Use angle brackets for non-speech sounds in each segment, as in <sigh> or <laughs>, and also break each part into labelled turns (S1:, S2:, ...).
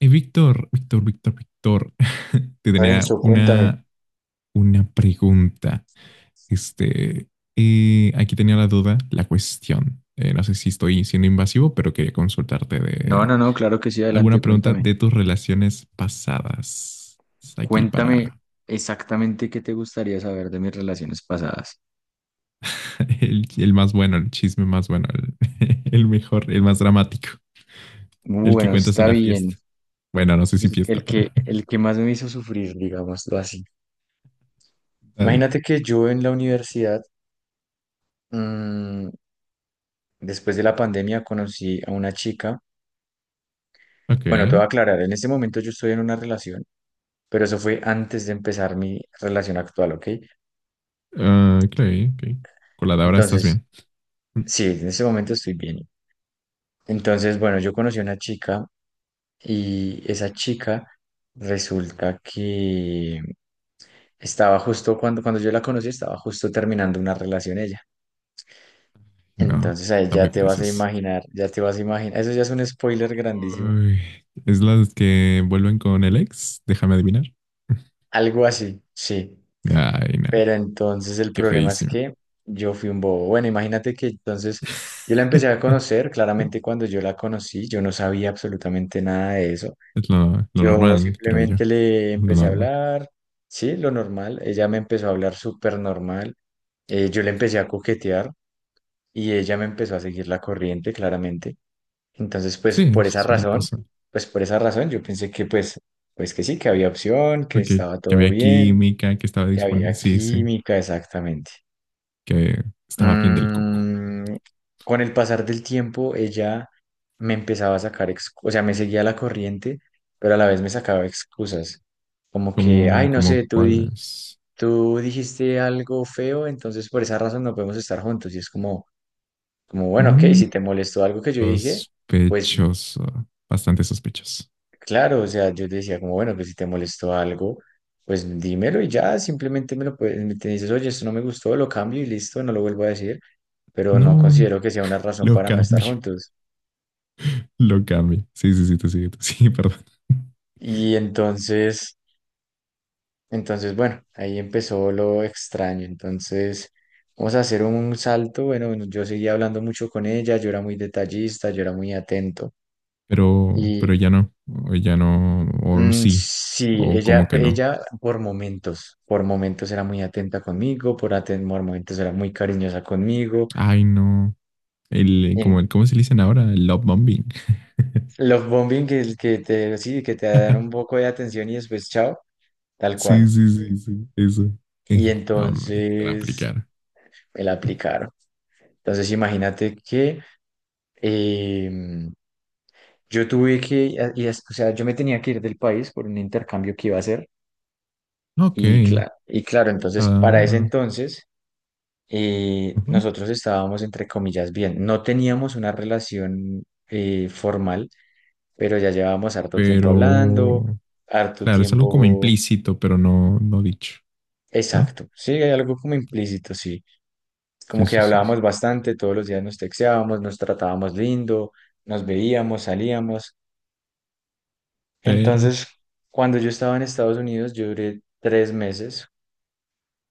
S1: Víctor, Víctor, Víctor, Víctor, <laughs> te tenía
S2: Renzo, cuéntame.
S1: una pregunta. Este, aquí tenía la duda, la cuestión. No sé si estoy siendo invasivo, pero quería consultarte
S2: No,
S1: de
S2: no, no, claro que sí, adelante,
S1: alguna pregunta
S2: cuéntame.
S1: de tus relaciones pasadas. Está aquí
S2: Cuéntame
S1: para
S2: exactamente qué te gustaría saber de mis relaciones pasadas.
S1: <laughs> el más bueno, el chisme más bueno, <laughs> el mejor, el más dramático, el que
S2: Bueno,
S1: cuentas en
S2: está
S1: una
S2: bien.
S1: fiesta. Bueno, no sé si fiesta,
S2: El
S1: pero
S2: que, el que más me hizo sufrir, digámoslo así.
S1: <laughs> dale.
S2: Imagínate que yo en la universidad, mm, después de la pandemia, conocí a una chica.
S1: Ok,
S2: Bueno, te voy a aclarar, en este momento yo estoy en una relación, pero eso fue antes de empezar mi relación actual, ¿ok?
S1: ah, ok, ok. Con la de ahora estás
S2: Entonces,
S1: bien.
S2: sí, en este momento estoy bien. Entonces, bueno, yo conocí a una chica. Y esa chica resulta que estaba justo cuando yo la conocí, estaba justo terminando una relación ella.
S1: No,
S2: Entonces ahí
S1: no
S2: ya
S1: me
S2: te
S1: digas
S2: vas a
S1: eso.
S2: imaginar, ya te vas a imaginar. Eso ya es un spoiler grandísimo.
S1: Uy, ¿es las que vuelven con el ex? Déjame adivinar.
S2: Algo así, sí.
S1: <laughs> Ay, no,
S2: Pero entonces el
S1: qué
S2: problema es
S1: feísimo.
S2: que yo fui un bobo. Bueno, imagínate que entonces yo la empecé a
S1: <laughs>
S2: conocer. Claramente cuando yo la conocí, yo no sabía absolutamente nada de eso.
S1: Es lo
S2: Yo
S1: normal, creo yo.
S2: simplemente le
S1: Lo
S2: empecé a
S1: normal.
S2: hablar, sí, lo normal. Ella me empezó a hablar súper normal. Yo le empecé a coquetear y ella me empezó a seguir la corriente, claramente. Entonces, pues
S1: Sí,
S2: por esa
S1: suele
S2: razón,
S1: pasar.
S2: pues por esa razón yo pensé que pues que sí, que había opción, que
S1: Porque
S2: estaba
S1: que
S2: todo
S1: había
S2: bien,
S1: química, que estaba
S2: que
S1: disponible.
S2: había
S1: Sí, sí,
S2: química, exactamente.
S1: que estaba bien del coco.
S2: Mm, con el pasar del tiempo, ella me empezaba a sacar, o sea, me seguía la corriente, pero a la vez me sacaba excusas. Como que, ay,
S1: Como,
S2: no
S1: como
S2: sé, tú, di-
S1: cuáles.
S2: tú dijiste algo feo, entonces por esa razón no podemos estar juntos. Y es como, bueno, ok,
S1: Mm,
S2: si te molestó algo que yo dije, pues
S1: sospechoso. Bastante sospechoso.
S2: claro, o sea, yo te decía como, bueno, que si te molestó algo, pues dímelo y ya, simplemente me te dices, oye, esto no me gustó, lo cambio y listo, no lo vuelvo a decir. Pero no
S1: No,
S2: considero que sea una razón
S1: lo
S2: para no estar
S1: cambio.
S2: juntos.
S1: Lo cambia. Sí, sí, sí, te sigue, <laughs> perdón.
S2: Y entonces, bueno, ahí empezó lo extraño. Entonces, vamos a hacer un salto. Bueno, bueno, yo seguía hablando mucho con ella, yo era muy detallista, yo era muy atento.
S1: Pero
S2: Y
S1: ya no, o sí,
S2: sí,
S1: o
S2: ella,
S1: como que no.
S2: ella por momentos era muy atenta conmigo, por momentos era muy cariñosa conmigo.
S1: Ay, no. Como
S2: En
S1: el, ¿cómo se le dicen ahora? El love bombing. <laughs>
S2: los bombing sí, que te dan un poco de atención y después chao, tal
S1: Sí,
S2: cual.
S1: sí, sí, sí, eso.
S2: Y
S1: No, hombre, para
S2: entonces
S1: aplicar.
S2: me la aplicaron. Entonces imagínate que em, yo tuve que, a- y es- o sea, yo me tenía que ir del país por un intercambio que iba a hacer
S1: Ok,
S2: y, y claro, entonces para ese
S1: ah,
S2: entonces
S1: ujú.
S2: nosotros estábamos entre comillas bien, no teníamos una relación formal, pero ya llevábamos harto tiempo hablando,
S1: Pero,
S2: harto
S1: claro, es algo como
S2: tiempo,
S1: implícito, pero no dicho, ¿no?
S2: exacto, sí, hay algo como implícito, sí. Como
S1: Sí,
S2: que
S1: sí, sí, sí.
S2: hablábamos bastante, todos los días nos texteábamos, nos tratábamos lindo, nos veíamos, salíamos.
S1: Pero,
S2: Entonces, cuando yo estaba en Estados Unidos, yo duré 3 meses.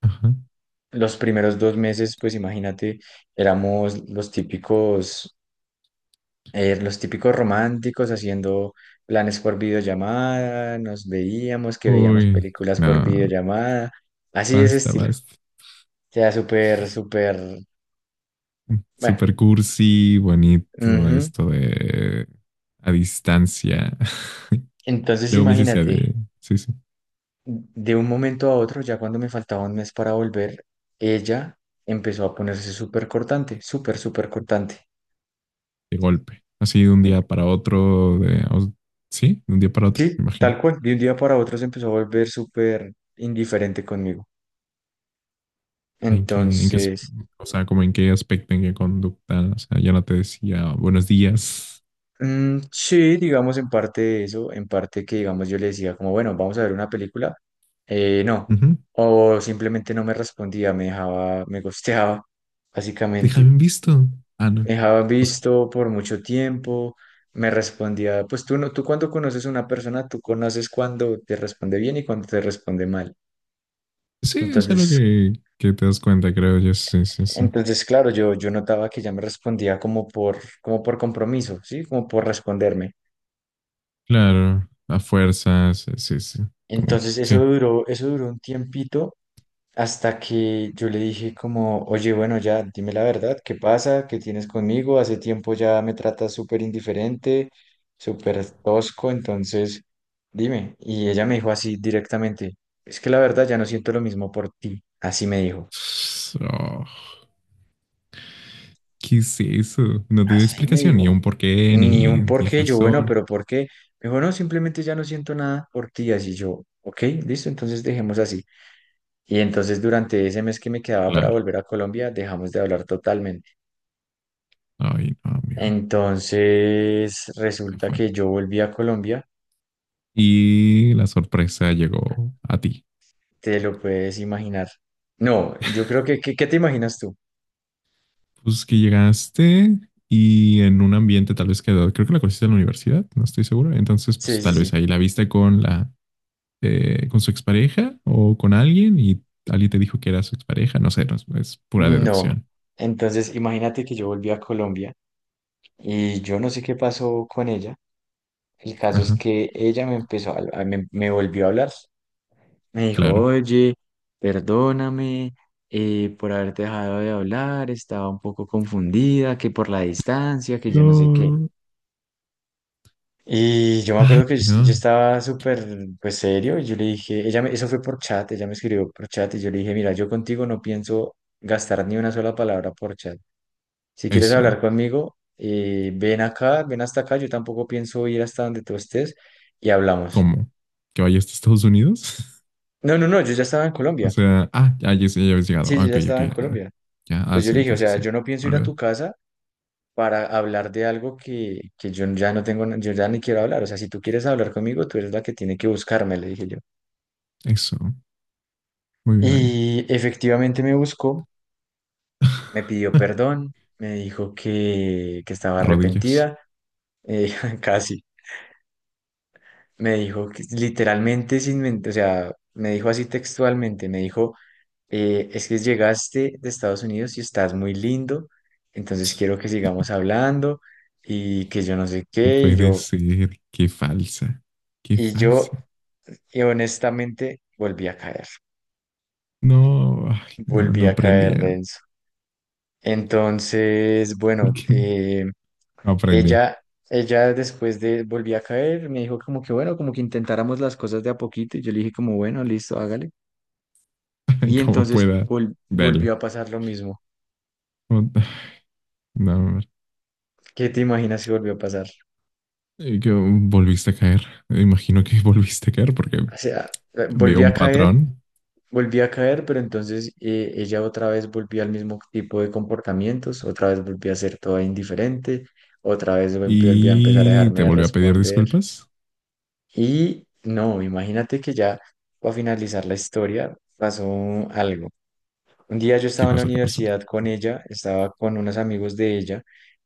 S1: ajá.
S2: Los primeros 2 meses, pues imagínate, éramos los típicos románticos haciendo planes por videollamada, nos veíamos, que veíamos
S1: Uy,
S2: películas por
S1: no,
S2: videollamada, así de ese
S1: basta,
S2: estilo. O
S1: basta.
S2: sea, súper, súper, bueno.
S1: Super cursi, bonito
S2: Ujú.
S1: esto de a distancia. <laughs>
S2: Entonces,
S1: Luego me hice esa
S2: imagínate.
S1: de, sí, sí,
S2: De un momento a otro, ya cuando me faltaba un mes para volver, ella empezó a ponerse súper cortante, súper, súper cortante.
S1: de golpe. Así de un día para otro, sí, de un día para otro,
S2: Sí,
S1: me imagino.
S2: tal cual. De un día para otro se empezó a volver súper indiferente conmigo.
S1: ¿En qué, en qué, as-
S2: Entonces,
S1: o sea, como en qué aspecto, ¿en qué conducta? O sea, ya no te decía buenos días.
S2: sí, digamos en parte de eso, en parte que digamos yo le decía como, bueno, vamos a ver una película. No.
S1: Ujú,
S2: O simplemente no me respondía, me dejaba, me ghosteaba,
S1: déjame
S2: básicamente.
S1: en visto. Ah, no.
S2: Dejaba
S1: O sea,
S2: visto por mucho tiempo, me respondía, pues tú no, tú cuando conoces a una persona, tú conoces cuando te responde bien y cuando te responde mal.
S1: sí, es algo
S2: Entonces,
S1: que te das cuenta, creo yo. Sí, sí, sí.
S2: entonces claro, yo notaba que ya me respondía como por, como por compromiso, ¿sí? Como por responderme.
S1: Claro, a fuerzas, sí, sí, sí. Como,
S2: Entonces eso
S1: sí,
S2: duró, eso duró un tiempito. Hasta que yo le dije como, oye, bueno, ya, dime la verdad, ¿qué pasa? ¿Qué tienes conmigo? Hace tiempo ya me tratas súper indiferente, súper tosco, entonces dime. Y ella me dijo así directamente, es que la verdad ya no siento lo mismo por ti. Así me dijo,
S1: so, ¿qué es eso? No te dio
S2: así me
S1: explicación, ni
S2: dijo.
S1: un porqué,
S2: Ni un por
S1: ni
S2: qué, yo, bueno, pero
S1: razón.
S2: ¿por qué? Me dijo, no, simplemente ya no siento nada por ti. Así yo, ok, listo, entonces dejemos así. Y entonces durante ese mes que me quedaba para
S1: Claro.
S2: volver a Colombia, dejamos de hablar.
S1: Ay, no, amigo.
S2: Entonces,
S1: Qué
S2: resulta que
S1: fuerte.
S2: yo volví a Colombia,
S1: Y la sorpresa llegó a ti.
S2: te lo puedes imaginar. No, yo creo que, ¿qué, qué te imaginas tú?
S1: Pues que llegaste y en un ambiente tal vez que creo que la conociste en la universidad, no estoy seguro. Entonces,
S2: Sí,
S1: pues
S2: sí,
S1: tal vez
S2: sí.
S1: ahí la viste con la con su expareja o con alguien y alguien te dijo que era su expareja. No sé, no, es pura
S2: No.
S1: deducción.
S2: Entonces, imagínate que yo volví a Colombia y yo no sé qué pasó con ella. El caso es
S1: Ajá,
S2: que ella me volvió a hablar. Me dijo,
S1: claro.
S2: oye, perdóname por haberte dejado de hablar, estaba un poco confundida, que por la distancia, que yo no sé qué.
S1: No.
S2: Y yo me acuerdo que yo
S1: No,
S2: estaba súper, pues serio, y yo le dije, eso fue por chat, ella me escribió por chat y yo le dije, mira, yo contigo no pienso gastar ni una sola palabra por chat. Si quieres
S1: eso.
S2: hablar conmigo, ven acá, ven hasta acá, yo tampoco pienso ir hasta donde tú estés y hablamos.
S1: ¿Cómo? ¿Que vaya hasta Estados Unidos? <laughs>
S2: No, no, no, yo ya estaba en
S1: O
S2: Colombia.
S1: sea, ah, ya, ya, ya habéis llegado.
S2: Sí,
S1: Ah,
S2: yo
S1: ok,
S2: ya
S1: ok,
S2: estaba en
S1: ah,
S2: Colombia.
S1: ya, ah,
S2: Entonces yo
S1: sí,
S2: le dije, o
S1: entonces
S2: sea,
S1: sí,
S2: yo no pienso
S1: me
S2: ir a
S1: olvidé.
S2: tu casa para hablar de algo que yo ya no tengo, yo ya ni quiero hablar. O sea, si tú quieres hablar conmigo, tú eres la que tiene que buscarme, le dije yo.
S1: Eso, muy bien ahí.
S2: Y efectivamente me buscó, me pidió
S1: <laughs>
S2: perdón, me dijo que estaba
S1: Rodillas.
S2: arrepentida, eh, <laughs> casi. Me dijo que literalmente sin mentir, o sea, me dijo así textualmente, me dijo, es que llegaste de Estados Unidos y estás muy lindo, entonces quiero que sigamos hablando y que yo no sé
S1: No
S2: qué,
S1: puede ser, qué falsa, qué
S2: y yo,
S1: falsa.
S2: y honestamente
S1: No, ay, no,
S2: volví
S1: no
S2: a
S1: aprendí.
S2: caer, Renzo. Entonces,
S1: ¿Por
S2: bueno,
S1: qué no aprendí?
S2: Ella, ella después de volví a caer, me dijo como que bueno, como que intentáramos las cosas de a poquito. Y yo le dije como bueno, listo, hágale.
S1: <laughs> Ay,
S2: Y
S1: como
S2: entonces
S1: pueda,
S2: vol-
S1: dale.
S2: volvió a pasar lo mismo.
S1: No, no,
S2: ¿Qué te imaginas si volvió a pasar?
S1: que volviste a caer. Imagino que volviste a caer porque
S2: O sea,
S1: veo un patrón.
S2: volví a caer, pero entonces ella otra vez volvió al mismo tipo de comportamientos, otra vez volvió a ser toda indiferente, otra vez volvió a empezar a
S1: Y
S2: dejarme
S1: te
S2: de
S1: volvió a pedir
S2: responder.
S1: disculpas.
S2: Y no, imagínate que ya para finalizar la historia pasó algo. Un día yo
S1: ¿Qué
S2: estaba en la
S1: pasó? ¿Qué pasó?
S2: universidad con ella, estaba con unos amigos de ella,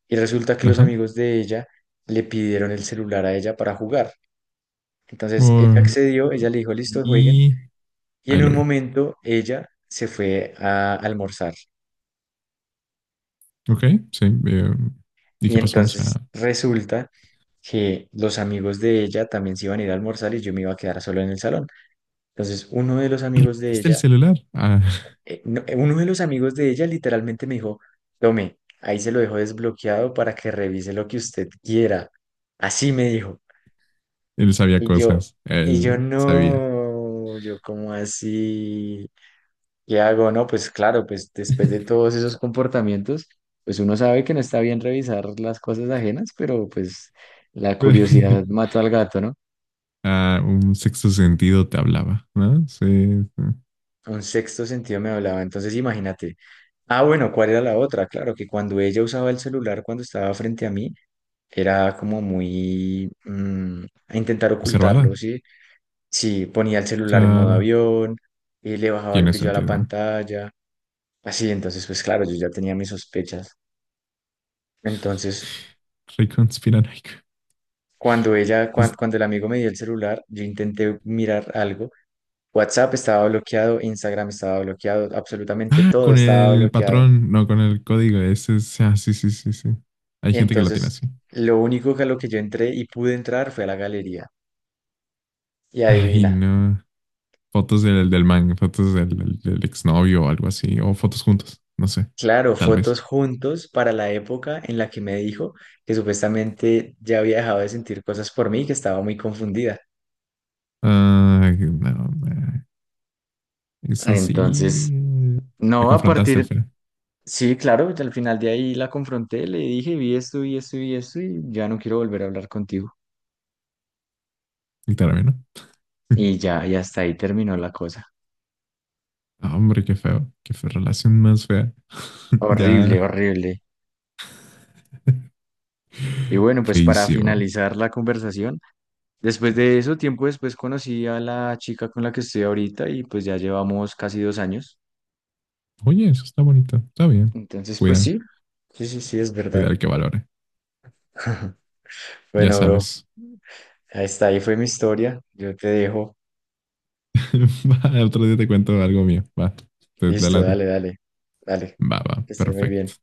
S2: y resulta que los
S1: Ajá.
S2: amigos de ella le pidieron el celular a ella para jugar. Entonces ella
S1: Por-
S2: accedió, ella le dijo, listo, jueguen,
S1: y
S2: y
S1: ahí
S2: en
S1: lo
S2: un
S1: vio.
S2: momento ella se fue a almorzar.
S1: Ok, sí, ¿y
S2: Y
S1: qué pasó? O
S2: entonces
S1: sea,
S2: resulta que los amigos de ella también se iban a ir a almorzar y yo me iba a quedar solo en el salón. Entonces uno de los amigos de
S1: ¿hasta el
S2: ella
S1: celular? Ah, <laughs>
S2: literalmente me dijo, tome, ahí se lo dejo desbloqueado para que revise lo que usted quiera. Así me dijo.
S1: él sabía
S2: Y yo,
S1: cosas.
S2: y yo
S1: Él sabía.
S2: no, yo como así, ¿qué hago? No, pues claro, pues después de
S1: <laughs>
S2: todos esos comportamientos, pues uno sabe que no está bien revisar las cosas ajenas, pero pues la curiosidad mató al gato, ¿no?
S1: Ah, un sexto sentido te hablaba, ¿no? Sí, sí.
S2: Un sexto sentido me hablaba, entonces imagínate. Ah, bueno, ¿cuál era la otra? Claro, que cuando ella usaba el celular, cuando estaba frente a mí, era como muy a intentar
S1: Reservada.
S2: ocultarlo, ¿sí? Sí, ponía el celular en modo
S1: Claro.
S2: avión, le bajaba el
S1: Tiene
S2: brillo a la
S1: sentido.
S2: pantalla, así, entonces pues claro, yo ya tenía mis sospechas. Entonces,
S1: Rey conspiranoico.
S2: cuando ella, cuan-
S1: Es-
S2: cuando el amigo me dio el celular, yo intenté mirar algo, WhatsApp estaba bloqueado, Instagram estaba bloqueado, absolutamente
S1: ah,
S2: todo
S1: con
S2: estaba
S1: el
S2: bloqueado.
S1: patrón, no con el código. Ese es. Ah, sí, sí, sí, sí. Hay
S2: Y
S1: gente que lo tiene
S2: entonces,
S1: así.
S2: lo único que a lo que yo entré y pude entrar fue a la galería. Y
S1: Ay,
S2: adivina.
S1: no. Fotos del, del man, fotos del exnovio o algo así, o fotos juntos, no sé,
S2: Claro,
S1: tal vez.
S2: fotos juntos para la época en la que me dijo que supuestamente ya había dejado de sentir cosas por mí y que estaba muy confundida.
S1: Ay, no, no. Eso sí,
S2: Entonces,
S1: la
S2: no, a
S1: confrontaste al
S2: partir,
S1: final,
S2: sí, claro, al final de ahí la confronté, le dije, vi esto vi esto vi esto y ya no quiero volver a hablar contigo.
S1: literalmente, ¿no? <laughs>
S2: Y ya, y hasta ahí terminó la cosa.
S1: Ah, hombre, qué feo, qué fea relación más fea. <laughs>
S2: Horrible,
S1: Ya,
S2: horrible. Y bueno, pues para
S1: feísimo.
S2: finalizar la conversación, después de eso, tiempo después conocí a la chica con la que estoy ahorita y pues ya llevamos casi 2 años.
S1: Oye, eso está bonito, está bien.
S2: Entonces, pues
S1: Cuida,
S2: sí, sí, sí, sí, es
S1: cuida
S2: verdad.
S1: el que valore,
S2: <laughs>
S1: ya
S2: Bueno, bro,
S1: sabes.
S2: ahí está, ahí fue mi historia. Yo te dejo.
S1: <laughs> Va, otro día te cuento algo mío, va, te la
S2: Listo,
S1: late.
S2: dale, dale, dale.
S1: Va, va,
S2: Que estés muy bien.
S1: perfecto.